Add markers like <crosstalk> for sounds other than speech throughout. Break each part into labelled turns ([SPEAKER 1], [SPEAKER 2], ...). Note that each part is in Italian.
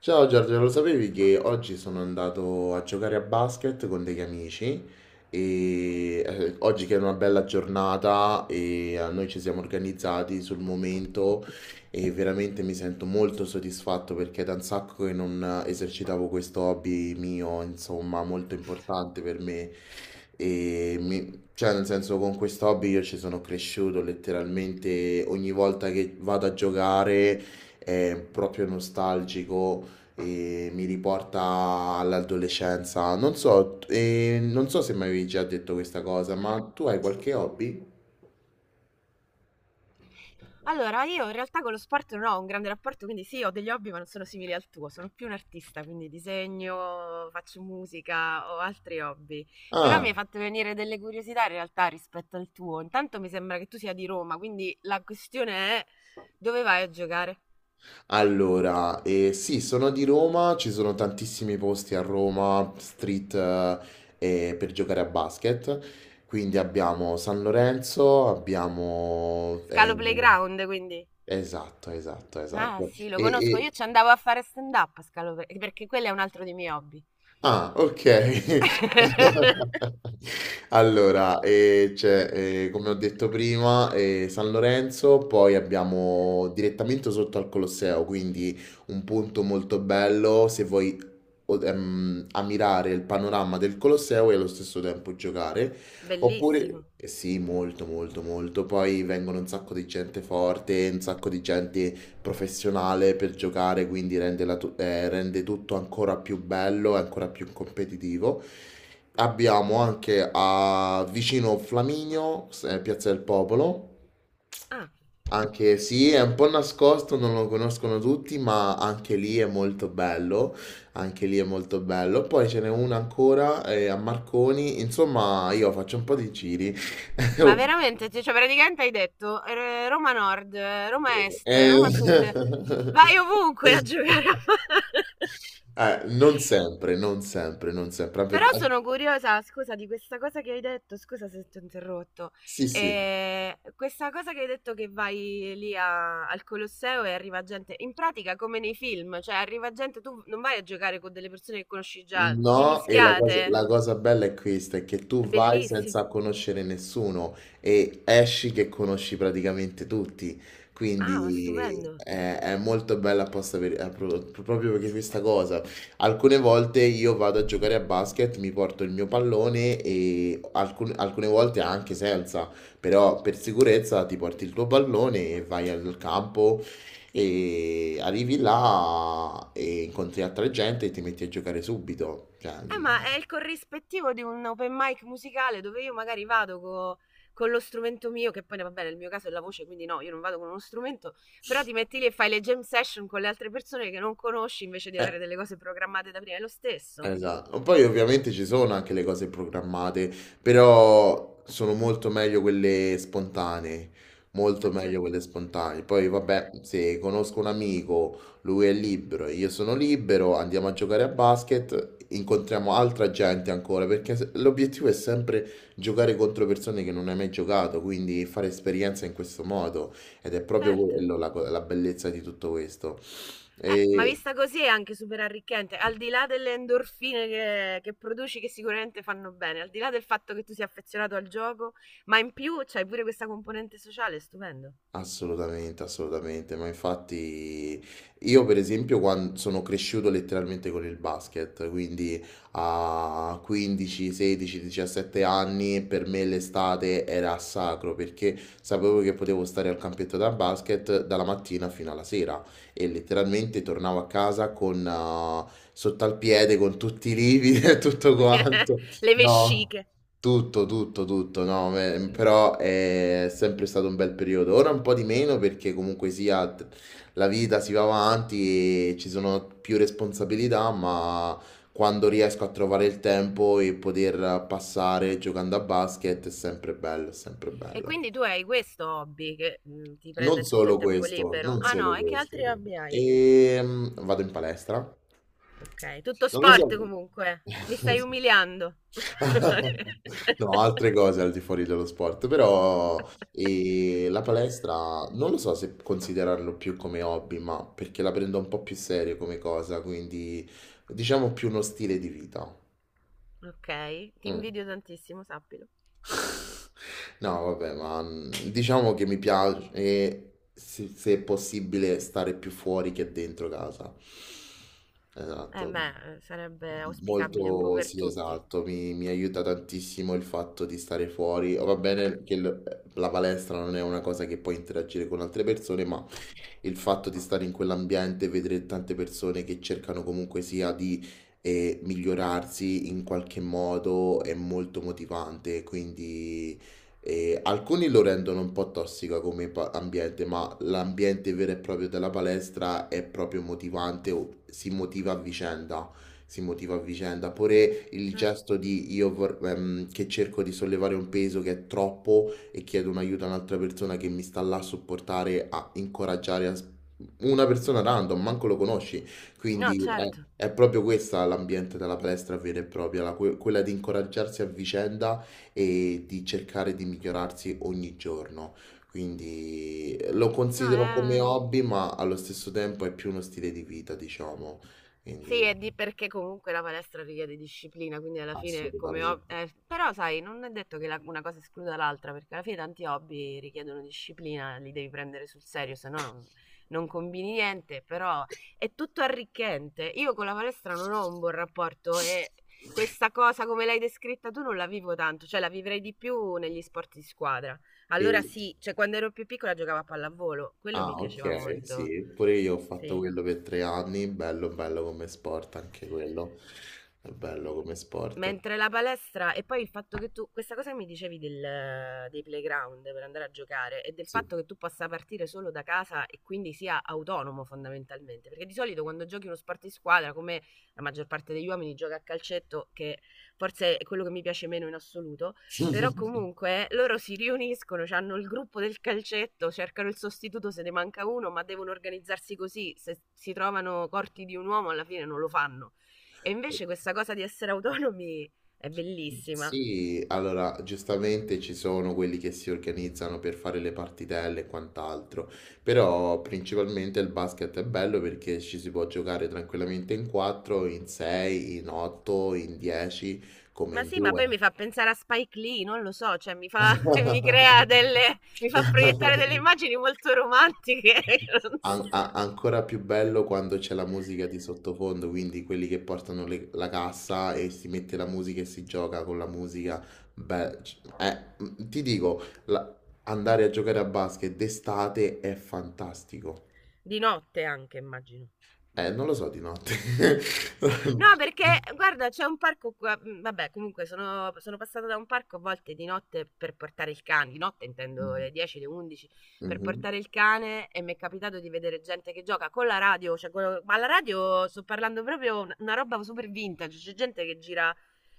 [SPEAKER 1] Ciao Giorgio, lo sapevi che oggi sono andato a giocare a basket con degli amici e oggi che è una bella giornata e noi ci siamo organizzati sul momento e veramente mi sento molto soddisfatto perché è da un sacco che non esercitavo questo hobby mio, insomma, molto importante per me. E cioè, nel senso, con questo hobby io ci sono cresciuto letteralmente. Ogni volta che vado a giocare è proprio nostalgico e mi riporta all'adolescenza. Non so, non so se mi avevi già detto questa cosa, ma tu hai qualche hobby?
[SPEAKER 2] Allora, io in realtà con lo sport non ho un grande rapporto, quindi sì, ho degli hobby, ma non sono simili al tuo. Sono più un artista, quindi disegno, faccio musica, ho altri hobby. Però
[SPEAKER 1] Ah,
[SPEAKER 2] mi hai fatto venire delle curiosità in realtà rispetto al tuo. Intanto mi sembra che tu sia di Roma, quindi la questione è dove vai a giocare?
[SPEAKER 1] allora, sì, sono di Roma, ci sono tantissimi posti a Roma, street, per giocare a basket. Quindi abbiamo San Lorenzo,
[SPEAKER 2] Scalo Playground, quindi.
[SPEAKER 1] esatto, esatto,
[SPEAKER 2] Ah,
[SPEAKER 1] esatto.
[SPEAKER 2] sì, lo conosco. Io ci andavo a fare stand-up a Scalo Playground, perché quello è un altro dei miei hobby.
[SPEAKER 1] Ah, ok.
[SPEAKER 2] <laughs>
[SPEAKER 1] <laughs> Allora, c'è, come ho detto prima, San Lorenzo, poi abbiamo direttamente sotto al Colosseo, quindi un punto molto bello se vuoi ammirare il panorama del Colosseo e allo stesso tempo giocare. Oppure,
[SPEAKER 2] Bellissimo.
[SPEAKER 1] eh sì, molto, molto, molto. Poi vengono un sacco di gente forte, un sacco di gente professionale per giocare, quindi rende tutto ancora più bello e ancora più competitivo. Abbiamo anche a vicino Flaminio, Piazza del Popolo,
[SPEAKER 2] Ah,
[SPEAKER 1] anche sì, è un po' nascosto, non lo conoscono tutti, ma anche lì è molto bello, anche lì è molto bello. Poi ce n'è una ancora a Marconi, insomma io faccio un po' di giri.
[SPEAKER 2] ma
[SPEAKER 1] <laughs>
[SPEAKER 2] veramente, cioè, praticamente hai detto Roma Nord, Roma Est,
[SPEAKER 1] Eh,
[SPEAKER 2] Roma Sud, vai ovunque a
[SPEAKER 1] <laughs>
[SPEAKER 2] giocare a <laughs> palla.
[SPEAKER 1] Non sempre, non sempre, non sempre, anche
[SPEAKER 2] Però
[SPEAKER 1] perché
[SPEAKER 2] sono curiosa, scusa, di questa cosa che hai detto, scusa se ti ho interrotto.
[SPEAKER 1] sì, sì,
[SPEAKER 2] Questa cosa che hai detto che vai lì al Colosseo e arriva gente, in pratica come nei film, cioè arriva gente, tu non vai a giocare con delle persone che conosci già, vi
[SPEAKER 1] no, e
[SPEAKER 2] mischiate,
[SPEAKER 1] la cosa bella è questa, è che tu
[SPEAKER 2] è
[SPEAKER 1] vai
[SPEAKER 2] bellissimo,
[SPEAKER 1] senza conoscere nessuno e esci che conosci praticamente tutti,
[SPEAKER 2] ah, ma
[SPEAKER 1] quindi
[SPEAKER 2] stupendo.
[SPEAKER 1] è molto bella apposta per, proprio perché questa cosa. Alcune volte io vado a giocare a basket, mi porto il mio pallone e alcune volte anche senza, però per sicurezza ti porti il tuo pallone e vai al campo. E arrivi là e incontri altra gente e ti metti a giocare subito. Cioè,
[SPEAKER 2] Ma è il corrispettivo di un open mic musicale dove io magari vado con lo strumento mio, che poi vabbè, nel mio caso è la voce, quindi no, io non vado con uno strumento, però ti metti lì e fai le jam session con le altre persone che non conosci invece di
[SPEAKER 1] eh.
[SPEAKER 2] avere delle cose programmate da prima, è lo stesso.
[SPEAKER 1] Esatto. Poi ovviamente ci sono anche le cose programmate, però sono molto meglio quelle spontanee,
[SPEAKER 2] Ma
[SPEAKER 1] molto meglio
[SPEAKER 2] certo,
[SPEAKER 1] quelle spontanee. Poi vabbè, se conosco un amico, lui è libero, e io sono libero, andiamo a giocare a basket, incontriamo altra gente ancora, perché l'obiettivo è sempre giocare contro persone che non hai mai giocato, quindi fare esperienza in questo modo ed è proprio
[SPEAKER 2] certo.
[SPEAKER 1] quello la bellezza di tutto questo.
[SPEAKER 2] Ma
[SPEAKER 1] E
[SPEAKER 2] vista così è anche super arricchente, al di là delle endorfine che produci che sicuramente fanno bene, al di là del fatto che tu sia affezionato al gioco, ma in più c'hai pure questa componente sociale, stupendo.
[SPEAKER 1] assolutamente, assolutamente, ma infatti io per esempio quando sono cresciuto letteralmente con il basket, quindi a 15, 16, 17 anni per me l'estate era sacro perché sapevo che potevo stare al campetto da basket dalla mattina fino alla sera e letteralmente tornavo a casa con sotto al piede con tutti i lividi <laughs> e tutto quanto.
[SPEAKER 2] <laughs> Le
[SPEAKER 1] No.
[SPEAKER 2] vesciche.
[SPEAKER 1] Tutto, tutto, tutto, no, però è sempre stato un bel periodo. Ora un po' di meno perché comunque sia la vita si va avanti e ci sono più responsabilità, ma quando riesco a trovare il tempo e poter passare giocando a basket è sempre bello, è sempre
[SPEAKER 2] E
[SPEAKER 1] bello.
[SPEAKER 2] quindi tu hai questo hobby che ti prende
[SPEAKER 1] Non
[SPEAKER 2] tutto il
[SPEAKER 1] solo
[SPEAKER 2] tempo
[SPEAKER 1] questo,
[SPEAKER 2] libero?
[SPEAKER 1] non
[SPEAKER 2] Ah
[SPEAKER 1] solo
[SPEAKER 2] no, e che altri
[SPEAKER 1] questo.
[SPEAKER 2] hobby hai?
[SPEAKER 1] E vado in palestra.
[SPEAKER 2] Ok, tutto
[SPEAKER 1] Non lo so.
[SPEAKER 2] sport comunque. Mi stai
[SPEAKER 1] <laughs>
[SPEAKER 2] umiliando.
[SPEAKER 1] <laughs> No, altre
[SPEAKER 2] <laughs>
[SPEAKER 1] cose al di fuori dello sport, però e la palestra non lo so se considerarlo più come hobby, ma perché la prendo un po' più serio come cosa, quindi diciamo più uno stile di vita.
[SPEAKER 2] Ok, ti
[SPEAKER 1] Mm.
[SPEAKER 2] invidio tantissimo, sappilo.
[SPEAKER 1] <laughs> No, vabbè, ma diciamo che mi piace, se è possibile, stare più fuori che dentro casa.
[SPEAKER 2] Eh
[SPEAKER 1] Esatto.
[SPEAKER 2] beh, sarebbe auspicabile un po'
[SPEAKER 1] Molto,
[SPEAKER 2] per
[SPEAKER 1] sì,
[SPEAKER 2] tutti.
[SPEAKER 1] esatto, mi aiuta tantissimo il fatto di stare fuori. Va bene che la palestra non è una cosa che puoi interagire con altre persone, ma il fatto di stare in quell'ambiente e vedere tante persone che cercano comunque sia di migliorarsi in qualche modo è molto motivante, quindi alcuni lo rendono un po' tossica come ambiente, ma l'ambiente vero e proprio della palestra è proprio motivante, o si motiva a vicenda. Si motiva a vicenda, pure il
[SPEAKER 2] Certo.
[SPEAKER 1] gesto di che cerco di sollevare un peso che è troppo, e chiedo un aiuto a un'altra persona che mi sta là a supportare, a incoraggiare, una persona random, manco lo conosci.
[SPEAKER 2] No,
[SPEAKER 1] Quindi
[SPEAKER 2] certo.
[SPEAKER 1] è proprio questa l'ambiente della palestra vera e propria, quella di incoraggiarsi a vicenda e di cercare di migliorarsi ogni giorno. Quindi lo
[SPEAKER 2] No,
[SPEAKER 1] considero come
[SPEAKER 2] è...
[SPEAKER 1] hobby, ma allo stesso tempo è più uno stile di vita, diciamo.
[SPEAKER 2] Sì,
[SPEAKER 1] Quindi
[SPEAKER 2] è di perché comunque la palestra richiede disciplina, quindi alla fine come hobby...
[SPEAKER 1] assolutamente.
[SPEAKER 2] però sai, non è detto che una cosa escluda l'altra, perché alla fine tanti hobby richiedono disciplina, li devi prendere sul serio, se no non, non combini niente, però è tutto arricchente. Io con la palestra non ho un buon rapporto e questa cosa come l'hai descritta tu non la vivo tanto, cioè la vivrei di più negli sport di squadra.
[SPEAKER 1] E
[SPEAKER 2] Allora sì, cioè quando ero più piccola giocavo a pallavolo, quello mi
[SPEAKER 1] ah,
[SPEAKER 2] piaceva
[SPEAKER 1] ok,
[SPEAKER 2] molto.
[SPEAKER 1] sì, pure io ho fatto
[SPEAKER 2] Sì.
[SPEAKER 1] quello per 3 anni, bello, bello come sport, anche quello è bello come sport.
[SPEAKER 2] Mentre la palestra, e poi il fatto che tu, questa cosa che mi dicevi dei playground per andare a giocare e del
[SPEAKER 1] Sì.
[SPEAKER 2] fatto che tu possa partire solo da casa e quindi sia autonomo fondamentalmente, perché di solito quando giochi uno sport di squadra, come la maggior parte degli uomini gioca a calcetto, che forse è quello che mi piace meno in assoluto, però
[SPEAKER 1] <laughs>
[SPEAKER 2] comunque loro si riuniscono, hanno il gruppo del calcetto, cercano il sostituto se ne manca uno, ma devono organizzarsi così, se si trovano corti di un uomo alla fine non lo fanno. E invece questa cosa di essere autonomi è bellissima.
[SPEAKER 1] Sì, allora giustamente ci sono quelli che si organizzano per fare le partitelle e quant'altro, però principalmente il basket è bello perché ci si può giocare tranquillamente in 4, in 6, in 8, in 10, come
[SPEAKER 2] Ma
[SPEAKER 1] in
[SPEAKER 2] sì, ma poi
[SPEAKER 1] 2.
[SPEAKER 2] mi fa pensare a Spike Lee, non lo so, cioè mi fa, <laughs> mi crea delle, mi fa proiettare delle immagini
[SPEAKER 1] <laughs>
[SPEAKER 2] molto romantiche, <laughs> non so.
[SPEAKER 1] Ancora più bello quando c'è la musica di sottofondo, quindi quelli che portano la cassa e si mette la musica e si gioca con la musica. Beh, ti dico, andare a giocare a basket d'estate è fantastico.
[SPEAKER 2] Di notte anche, immagino.
[SPEAKER 1] Non lo so di notte.
[SPEAKER 2] No, perché
[SPEAKER 1] <laughs>
[SPEAKER 2] guarda, c'è un parco qua. Vabbè, comunque sono, sono passata da un parco a volte di notte per portare il cane. Di notte intendo le 10, le 11 per
[SPEAKER 1] Mhm.
[SPEAKER 2] portare il cane e mi è capitato di vedere gente che gioca con la radio. Cioè, ma la radio sto parlando proprio una roba super vintage. C'è gente che gira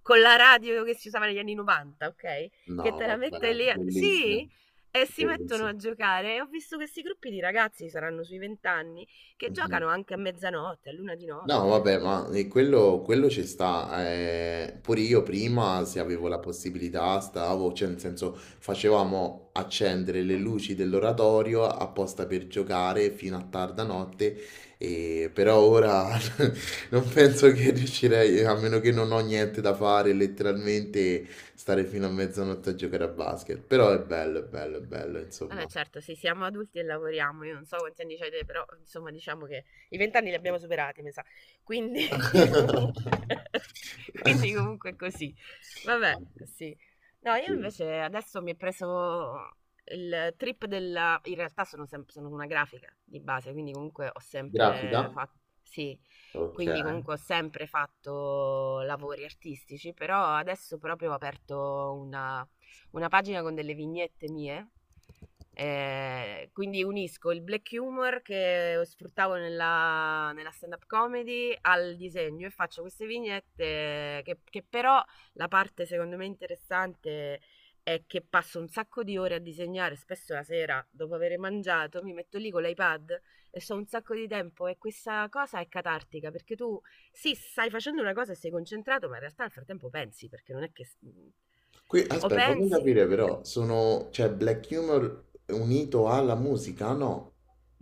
[SPEAKER 2] con la radio che si usava negli anni 90, ok? Che
[SPEAKER 1] No,
[SPEAKER 2] te la mette
[SPEAKER 1] vabbè,
[SPEAKER 2] lì.
[SPEAKER 1] bellissimo,
[SPEAKER 2] Sì. E si mettono
[SPEAKER 1] bellissimo.
[SPEAKER 2] a giocare. E ho visto questi gruppi di ragazzi, saranno sui 20 anni, che
[SPEAKER 1] Mhm.
[SPEAKER 2] giocano anche a mezzanotte, a luna di
[SPEAKER 1] No,
[SPEAKER 2] notte.
[SPEAKER 1] vabbè, ma quello, quello ci sta. Pure io prima, se avevo la possibilità, stavo, cioè nel senso, facevamo accendere le luci dell'oratorio apposta per giocare fino a tarda notte, e, però ora <laughs> non penso che riuscirei, a meno che non ho niente da fare, letteralmente stare fino a mezzanotte a giocare a basket. Però è bello, è bello, è bello,
[SPEAKER 2] Vabbè,
[SPEAKER 1] insomma.
[SPEAKER 2] certo, sì, siamo adulti e lavoriamo. Io non so quanti anni avete, però insomma, diciamo che i vent'anni li abbiamo superati, mi sa. Quindi, <laughs>
[SPEAKER 1] <laughs>
[SPEAKER 2] quindi comunque è così. Vabbè, sì. No, io
[SPEAKER 1] <laughs>
[SPEAKER 2] invece adesso mi è preso il trip della... In realtà sono, sono una grafica di base, quindi comunque ho
[SPEAKER 1] Grafica?
[SPEAKER 2] sempre fatto... Sì,
[SPEAKER 1] Ok.
[SPEAKER 2] quindi comunque ho sempre fatto lavori artistici, però adesso proprio ho aperto una pagina con delle vignette mie quindi unisco il black humor che sfruttavo nella, nella stand-up comedy al disegno e faccio queste vignette che però la parte secondo me interessante è che passo un sacco di ore a disegnare, spesso la sera dopo aver mangiato mi metto lì con l'iPad e so un sacco di tempo e questa cosa è catartica perché tu sì, stai facendo una cosa e sei concentrato, ma in realtà nel frattempo pensi perché non è che
[SPEAKER 1] Qui,
[SPEAKER 2] o
[SPEAKER 1] aspetta, voglio
[SPEAKER 2] pensi
[SPEAKER 1] capire però, sono, cioè, Black Humor unito alla musica? No,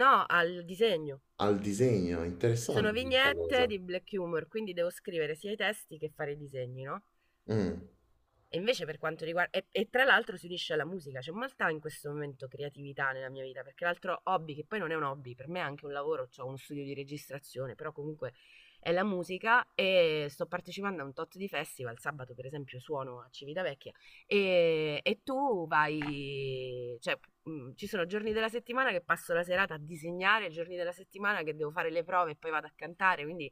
[SPEAKER 2] no al disegno.
[SPEAKER 1] al disegno,
[SPEAKER 2] Sono
[SPEAKER 1] interessante questa
[SPEAKER 2] vignette
[SPEAKER 1] cosa.
[SPEAKER 2] di black humor, quindi devo scrivere sia i testi che fare i disegni, no?
[SPEAKER 1] Mm.
[SPEAKER 2] E invece per quanto riguarda... E, e tra l'altro si unisce alla musica, c'è molta in questo momento creatività nella mia vita, perché l'altro hobby, che poi non è un hobby, per me è anche un lavoro, ho uno studio di registrazione, però comunque è la musica e sto partecipando a un tot di festival, sabato per esempio suono a Civitavecchia e tu vai, cioè ci sono giorni della settimana che passo la serata a disegnare, giorni della settimana che devo fare le prove e poi vado a cantare, quindi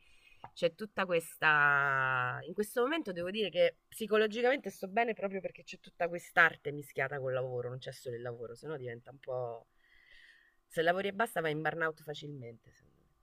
[SPEAKER 2] c'è tutta questa... In questo momento devo dire che psicologicamente sto bene proprio perché c'è tutta quest'arte mischiata col lavoro, non c'è solo il lavoro, sennò diventa un po'... Se lavori e basta vai in burnout facilmente, secondo me.